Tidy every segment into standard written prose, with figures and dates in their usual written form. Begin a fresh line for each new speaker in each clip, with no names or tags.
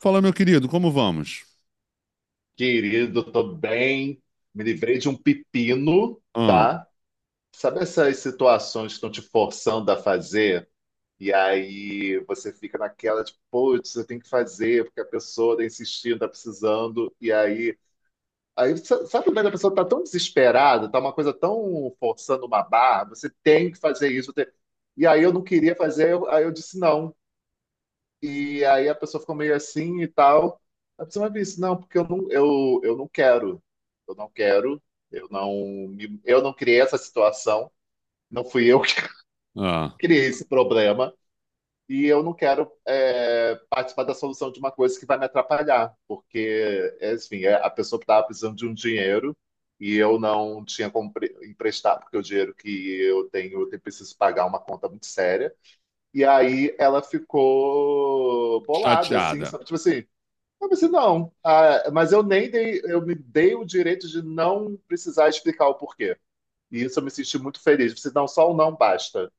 Fala, meu querido, como vamos?
Querido, tô bem. Me livrei de um pepino,
Ah,
tá? Sabe essas situações que estão te forçando a fazer? E aí você fica naquela, tipo, putz, eu tenho que fazer, porque a pessoa tá insistindo, tá precisando. E aí, sabe quando a pessoa tá tão desesperada, tá uma coisa tão forçando uma barra, você tem que fazer isso. E aí eu não queria fazer, aí eu disse não. E aí a pessoa ficou meio assim e tal. A pessoa me disse não, porque eu não quero. Eu não quero. Eu não, eu não criei essa situação. Não fui eu que
ah,
criei esse problema. E eu não quero participar da solução de uma coisa que vai me atrapalhar. Porque, enfim, a pessoa estava precisando de um dinheiro e eu não tinha como emprestar, porque o dinheiro que eu tenho, eu preciso pagar uma conta muito séria. E aí ela ficou bolada, assim,
chateada.
sabe? Tipo assim, eu pensei, não. Ah, mas eu nem dei, eu me dei o direito de não precisar explicar o porquê. E isso eu me senti muito feliz. Você não só o não basta,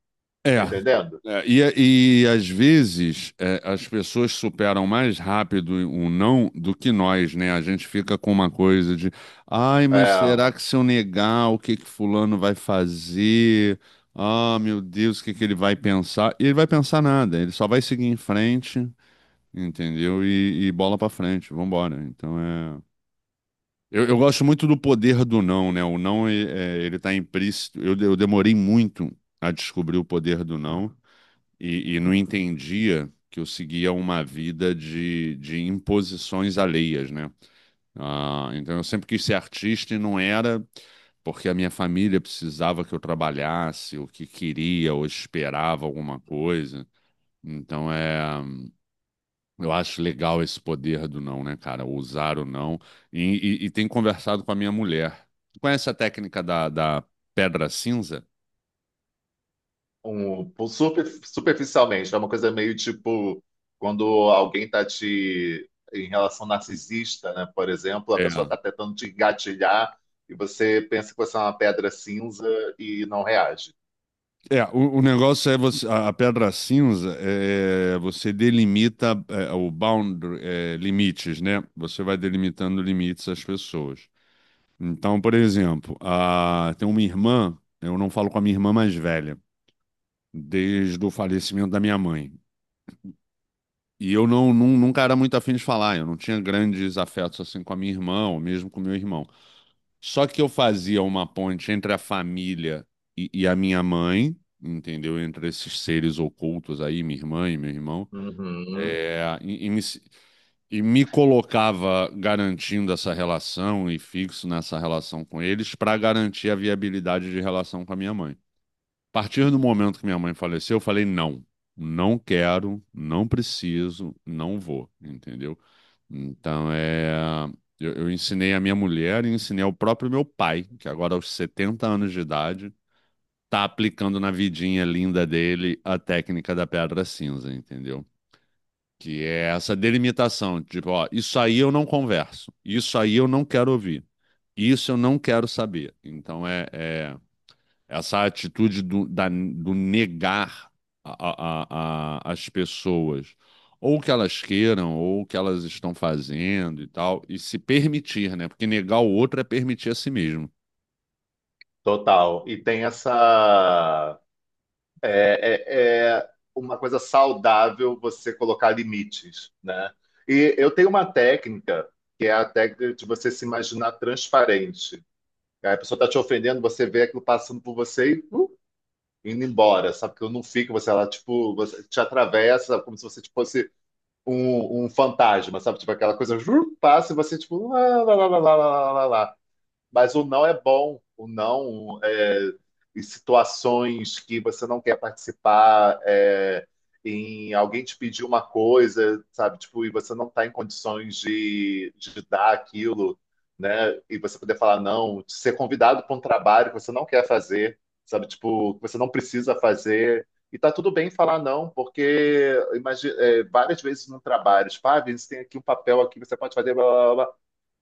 É,
tá entendendo?
é, e às vezes as pessoas superam mais rápido o não do que nós, né? A gente fica com uma coisa de, ai, mas
É,
será que se eu negar, o que que fulano vai fazer? Ah, meu Deus, o que que ele vai pensar? E ele vai pensar nada, ele só vai seguir em frente, entendeu? E bola pra frente, vambora. Então é. Eu gosto muito do poder do não, né? O não, ele tá implícito. Eu demorei muito a descobrir o poder do não e não entendia que eu seguia uma vida de imposições alheias, né? Ah, então eu sempre quis ser artista e não era porque a minha família precisava que eu trabalhasse, ou que queria, ou esperava alguma coisa. Então é. Eu acho legal esse poder do não, né, cara? Usar o não. E tem conversado com a minha mulher. Tu conhece a técnica da pedra cinza?
um, superficialmente, é uma coisa meio tipo quando alguém tá te em relação narcisista, né? Por exemplo, a pessoa
É.
tá tentando te engatilhar e você pensa que você é uma pedra cinza e não reage.
É, o negócio é você, a pedra cinza é, você delimita o boundary, limites, né? Você vai delimitando limites às pessoas. Então, por exemplo, tem uma irmã, eu não falo com a minha irmã mais velha, desde o falecimento da minha mãe. E eu nunca era muito afim de falar, eu não tinha grandes afetos assim com a minha irmã, ou mesmo com o meu irmão. Só que eu fazia uma ponte entre a família e a minha mãe, entendeu? Entre esses seres ocultos aí, minha irmã e meu irmão,
Uhum,
é, e me, se- e me colocava garantindo essa relação e fixo nessa relação com eles para garantir a viabilidade de relação com a minha mãe. A partir do momento que minha mãe faleceu, eu falei não. Não quero, não preciso, não vou, entendeu? Então é. Eu ensinei a minha mulher e ensinei ao próprio meu pai, que agora aos 70 anos de idade, tá aplicando na vidinha linda dele a técnica da pedra cinza, entendeu? Que é essa delimitação, tipo, ó, isso aí eu não converso, isso aí eu não quero ouvir, isso eu não quero saber. Então é essa atitude do negar as pessoas, ou o que elas queiram, ou o que elas estão fazendo e tal, e se permitir, né? Porque negar o outro é permitir a si mesmo.
total. E tem essa é uma coisa saudável você colocar limites, né? E eu tenho uma técnica, que é a técnica de você se imaginar transparente. Aí a pessoa tá te ofendendo, você vê aquilo passando por você e indo embora, sabe? Que eu não fico, você ela tipo, você te atravessa como se você tipo, fosse um, um fantasma, sabe? Tipo aquela coisa, passa e você tipo, lá, lá, lá, lá, lá, lá, lá, lá. Mas o não é bom. O não é, em situações que você não quer participar, é, em alguém te pedir uma coisa, sabe? Tipo, e você não está em condições de dar aquilo, né? E você poder falar não, de ser convidado para um trabalho que você não quer fazer, sabe? Tipo, que você não precisa fazer. E tá tudo bem falar não, porque imagina, várias vezes no trabalho, tipo, ah, Vinícius, tem aqui um papel aqui, você pode fazer, blá, blá, blá.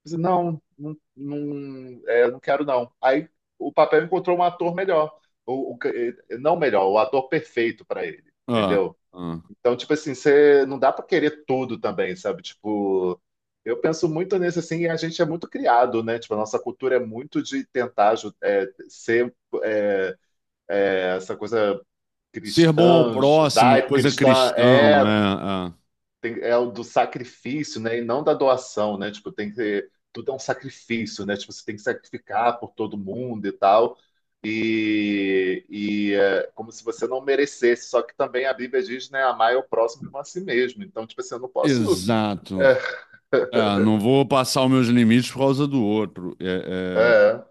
Disse, não, não, não, é, não quero não. Aí o papel encontrou um ator melhor, o, o- não melhor, o ator perfeito para ele,
Ah,
entendeu?
ah.
Então, tipo assim, você não dá para querer tudo também, sabe? Tipo, eu penso muito nisso assim, e a gente é muito criado, né? Tipo, a nossa cultura é muito de tentar ser eh, essa coisa
Ser bom ao
cristã,
próximo, coisa
judaico-cristã,
cristão, é, é.
é o do sacrifício, né? E não da doação, né? Tipo, tem que. Tudo é um sacrifício, né? Tipo, você tem que sacrificar por todo mundo e tal. E é como se você não merecesse. Só que também a Bíblia diz, né? Amar é o próximo como a si mesmo. Então, tipo assim, eu não posso.
Exato.
É,
É, não vou passar os meus limites por causa do outro.
é.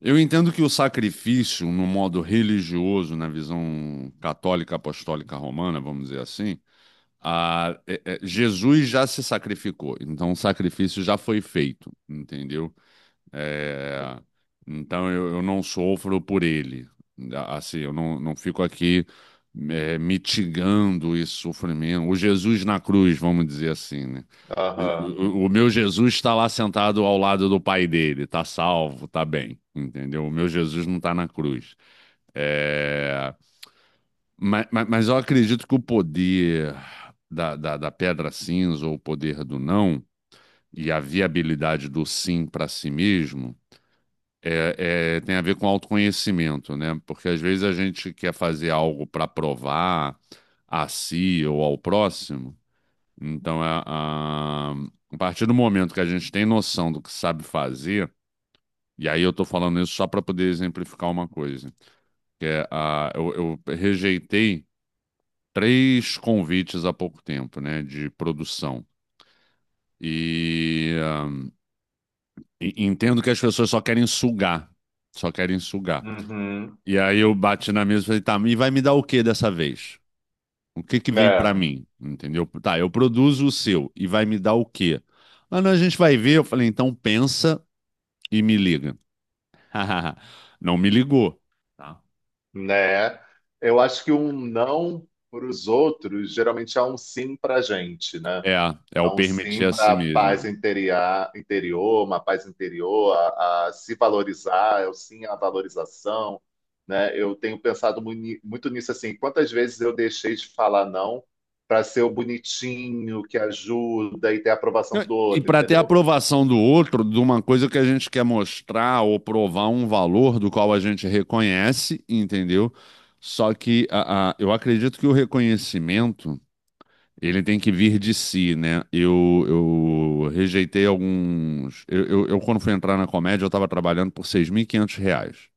Eu entendo que o sacrifício, no modo religioso, na visão católica, apostólica, romana, vamos dizer assim, Jesus já se sacrificou, então o sacrifício já foi feito, entendeu? É, então eu não sofro por ele, assim, eu não fico aqui mitigando esse sofrimento. O Jesus na cruz, vamos dizer assim, né?
Aham.
O, o meu Jesus está lá sentado ao lado do pai dele, está salvo, está bem, entendeu? O meu Jesus não está na cruz. É, mas eu acredito que o poder da pedra cinza, ou o poder do não, e a viabilidade do sim para si mesmo, tem a ver com autoconhecimento, né? Porque às vezes a gente quer fazer algo para provar a si ou ao próximo. Então, a partir do momento que a gente tem noção do que sabe fazer, e aí eu estou falando isso só para poder exemplificar uma coisa, que é, a, eu rejeitei 3 convites há pouco tempo, né, de produção. E, ah, entendo que as pessoas só querem sugar, só querem sugar.
Uhum.
E aí eu bati na mesa e falei, tá, e vai me dar o que dessa vez? O que que vem pra
É,
mim? Entendeu? Tá, eu produzo o seu e vai me dar o quê? Ah, não, a gente vai ver. Eu falei, então pensa e me liga. Não me ligou. Tá.
né? Eu acho que um não para os outros geralmente é um sim para a gente, né?
É, é o
Então, sim,
permitir a si
para a paz
mesmo.
interior, interior, uma paz interior, a se valorizar, eu sim a valorização, né? Eu tenho pensado muito nisso assim, quantas vezes eu deixei de falar não para ser o bonitinho que ajuda e ter a aprovação do
E
outro,
para ter
entendeu?
aprovação do outro, de uma coisa que a gente quer mostrar ou provar um valor do qual a gente reconhece, entendeu? Só que eu acredito que o reconhecimento ele tem que vir de si, né? Eu rejeitei alguns. Quando fui entrar na comédia, eu estava trabalhando por 6.500 reais.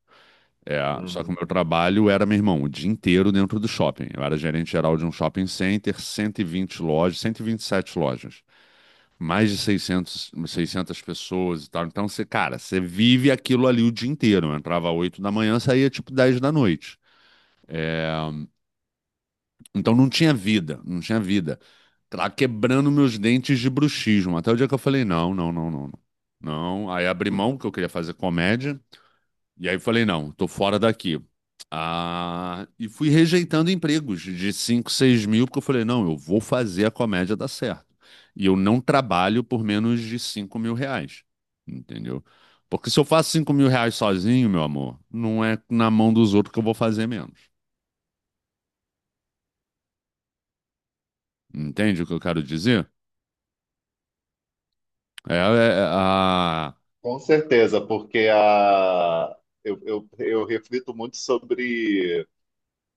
É, só que o
Uhum.
meu trabalho era, meu irmão, o dia inteiro dentro do shopping. Eu era gerente geral de um shopping center, 120 lojas, 127 lojas mais de 600 600 pessoas e tal. Então, você, cara, você vive aquilo ali o dia inteiro. Eu entrava 8 da manhã, saía tipo 10 da noite. É, então não tinha vida, não tinha vida. Lá quebrando meus dentes de bruxismo. Até o dia que eu falei, não, não, não, não. Não, Não. Aí abri mão, porque eu queria fazer comédia. E aí eu falei, não, tô fora daqui. Ah, e fui rejeitando empregos de 5 6 mil, porque eu falei, não, eu vou fazer a comédia dar certo. E eu não trabalho por menos de 5.000 reais, entendeu? Porque se eu faço 5.000 reais sozinho, meu amor, não é na mão dos outros que eu vou fazer menos. Entende o que eu quero dizer? É, é, a-
Com certeza, porque eu reflito muito sobre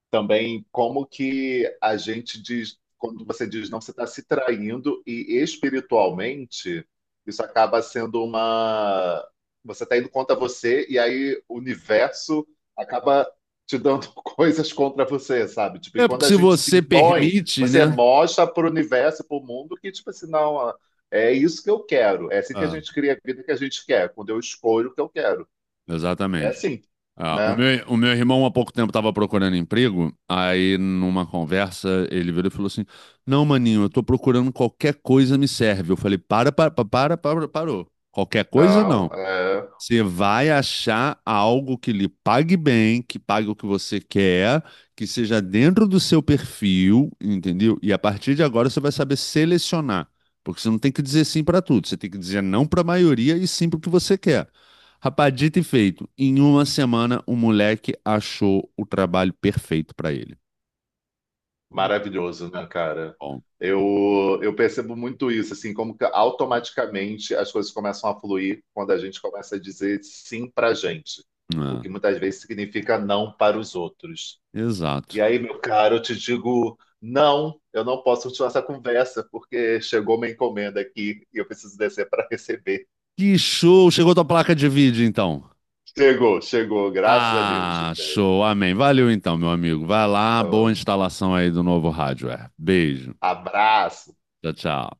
também como que a gente diz, quando você diz não, você está se traindo e espiritualmente isso acaba sendo uma. Você está indo contra você e aí o universo acaba te dando coisas contra você, sabe? Tipo, e
é
quando
porque
a
se
gente se
você
impõe,
permite,
você
né?
mostra para o universo, para o mundo que, tipo assim, não, é isso que eu quero. É assim que a
Ah,
gente cria a vida que a gente quer, quando eu escolho o que eu quero. É
exatamente.
assim,
Ah, o
né?
meu, o meu irmão há pouco tempo estava procurando emprego, aí numa conversa ele virou e falou assim: Não, maninho, eu tô procurando qualquer coisa me serve. Eu falei: Para, para, para, para, para, parou. Qualquer coisa não.
Não, é.
Você vai achar algo que lhe pague bem, que pague o que você quer, que seja dentro do seu perfil, entendeu? E a partir de agora você vai saber selecionar, porque você não tem que dizer sim para tudo, você tem que dizer não para a maioria e sim para o que você quer. Rapaz, dito e feito, em uma semana o moleque achou o trabalho perfeito para ele.
Maravilhoso, né, cara?
Bom,
Eu percebo muito isso, assim, como que automaticamente as coisas começam a fluir quando a gente começa a dizer sim pra gente, o
é,
que muitas vezes significa não para os outros. E
exato.
aí, meu caro, eu te digo, não, eu não posso continuar essa conversa, porque chegou uma encomenda aqui e eu preciso descer para receber.
Que show! Chegou tua placa de vídeo então.
Chegou, chegou, graças a Deus.
Ah, show, amém. Valeu então, meu amigo. Vai lá, boa
Então,
instalação aí do novo hardware. Beijo.
abraço.
Tchau, tchau.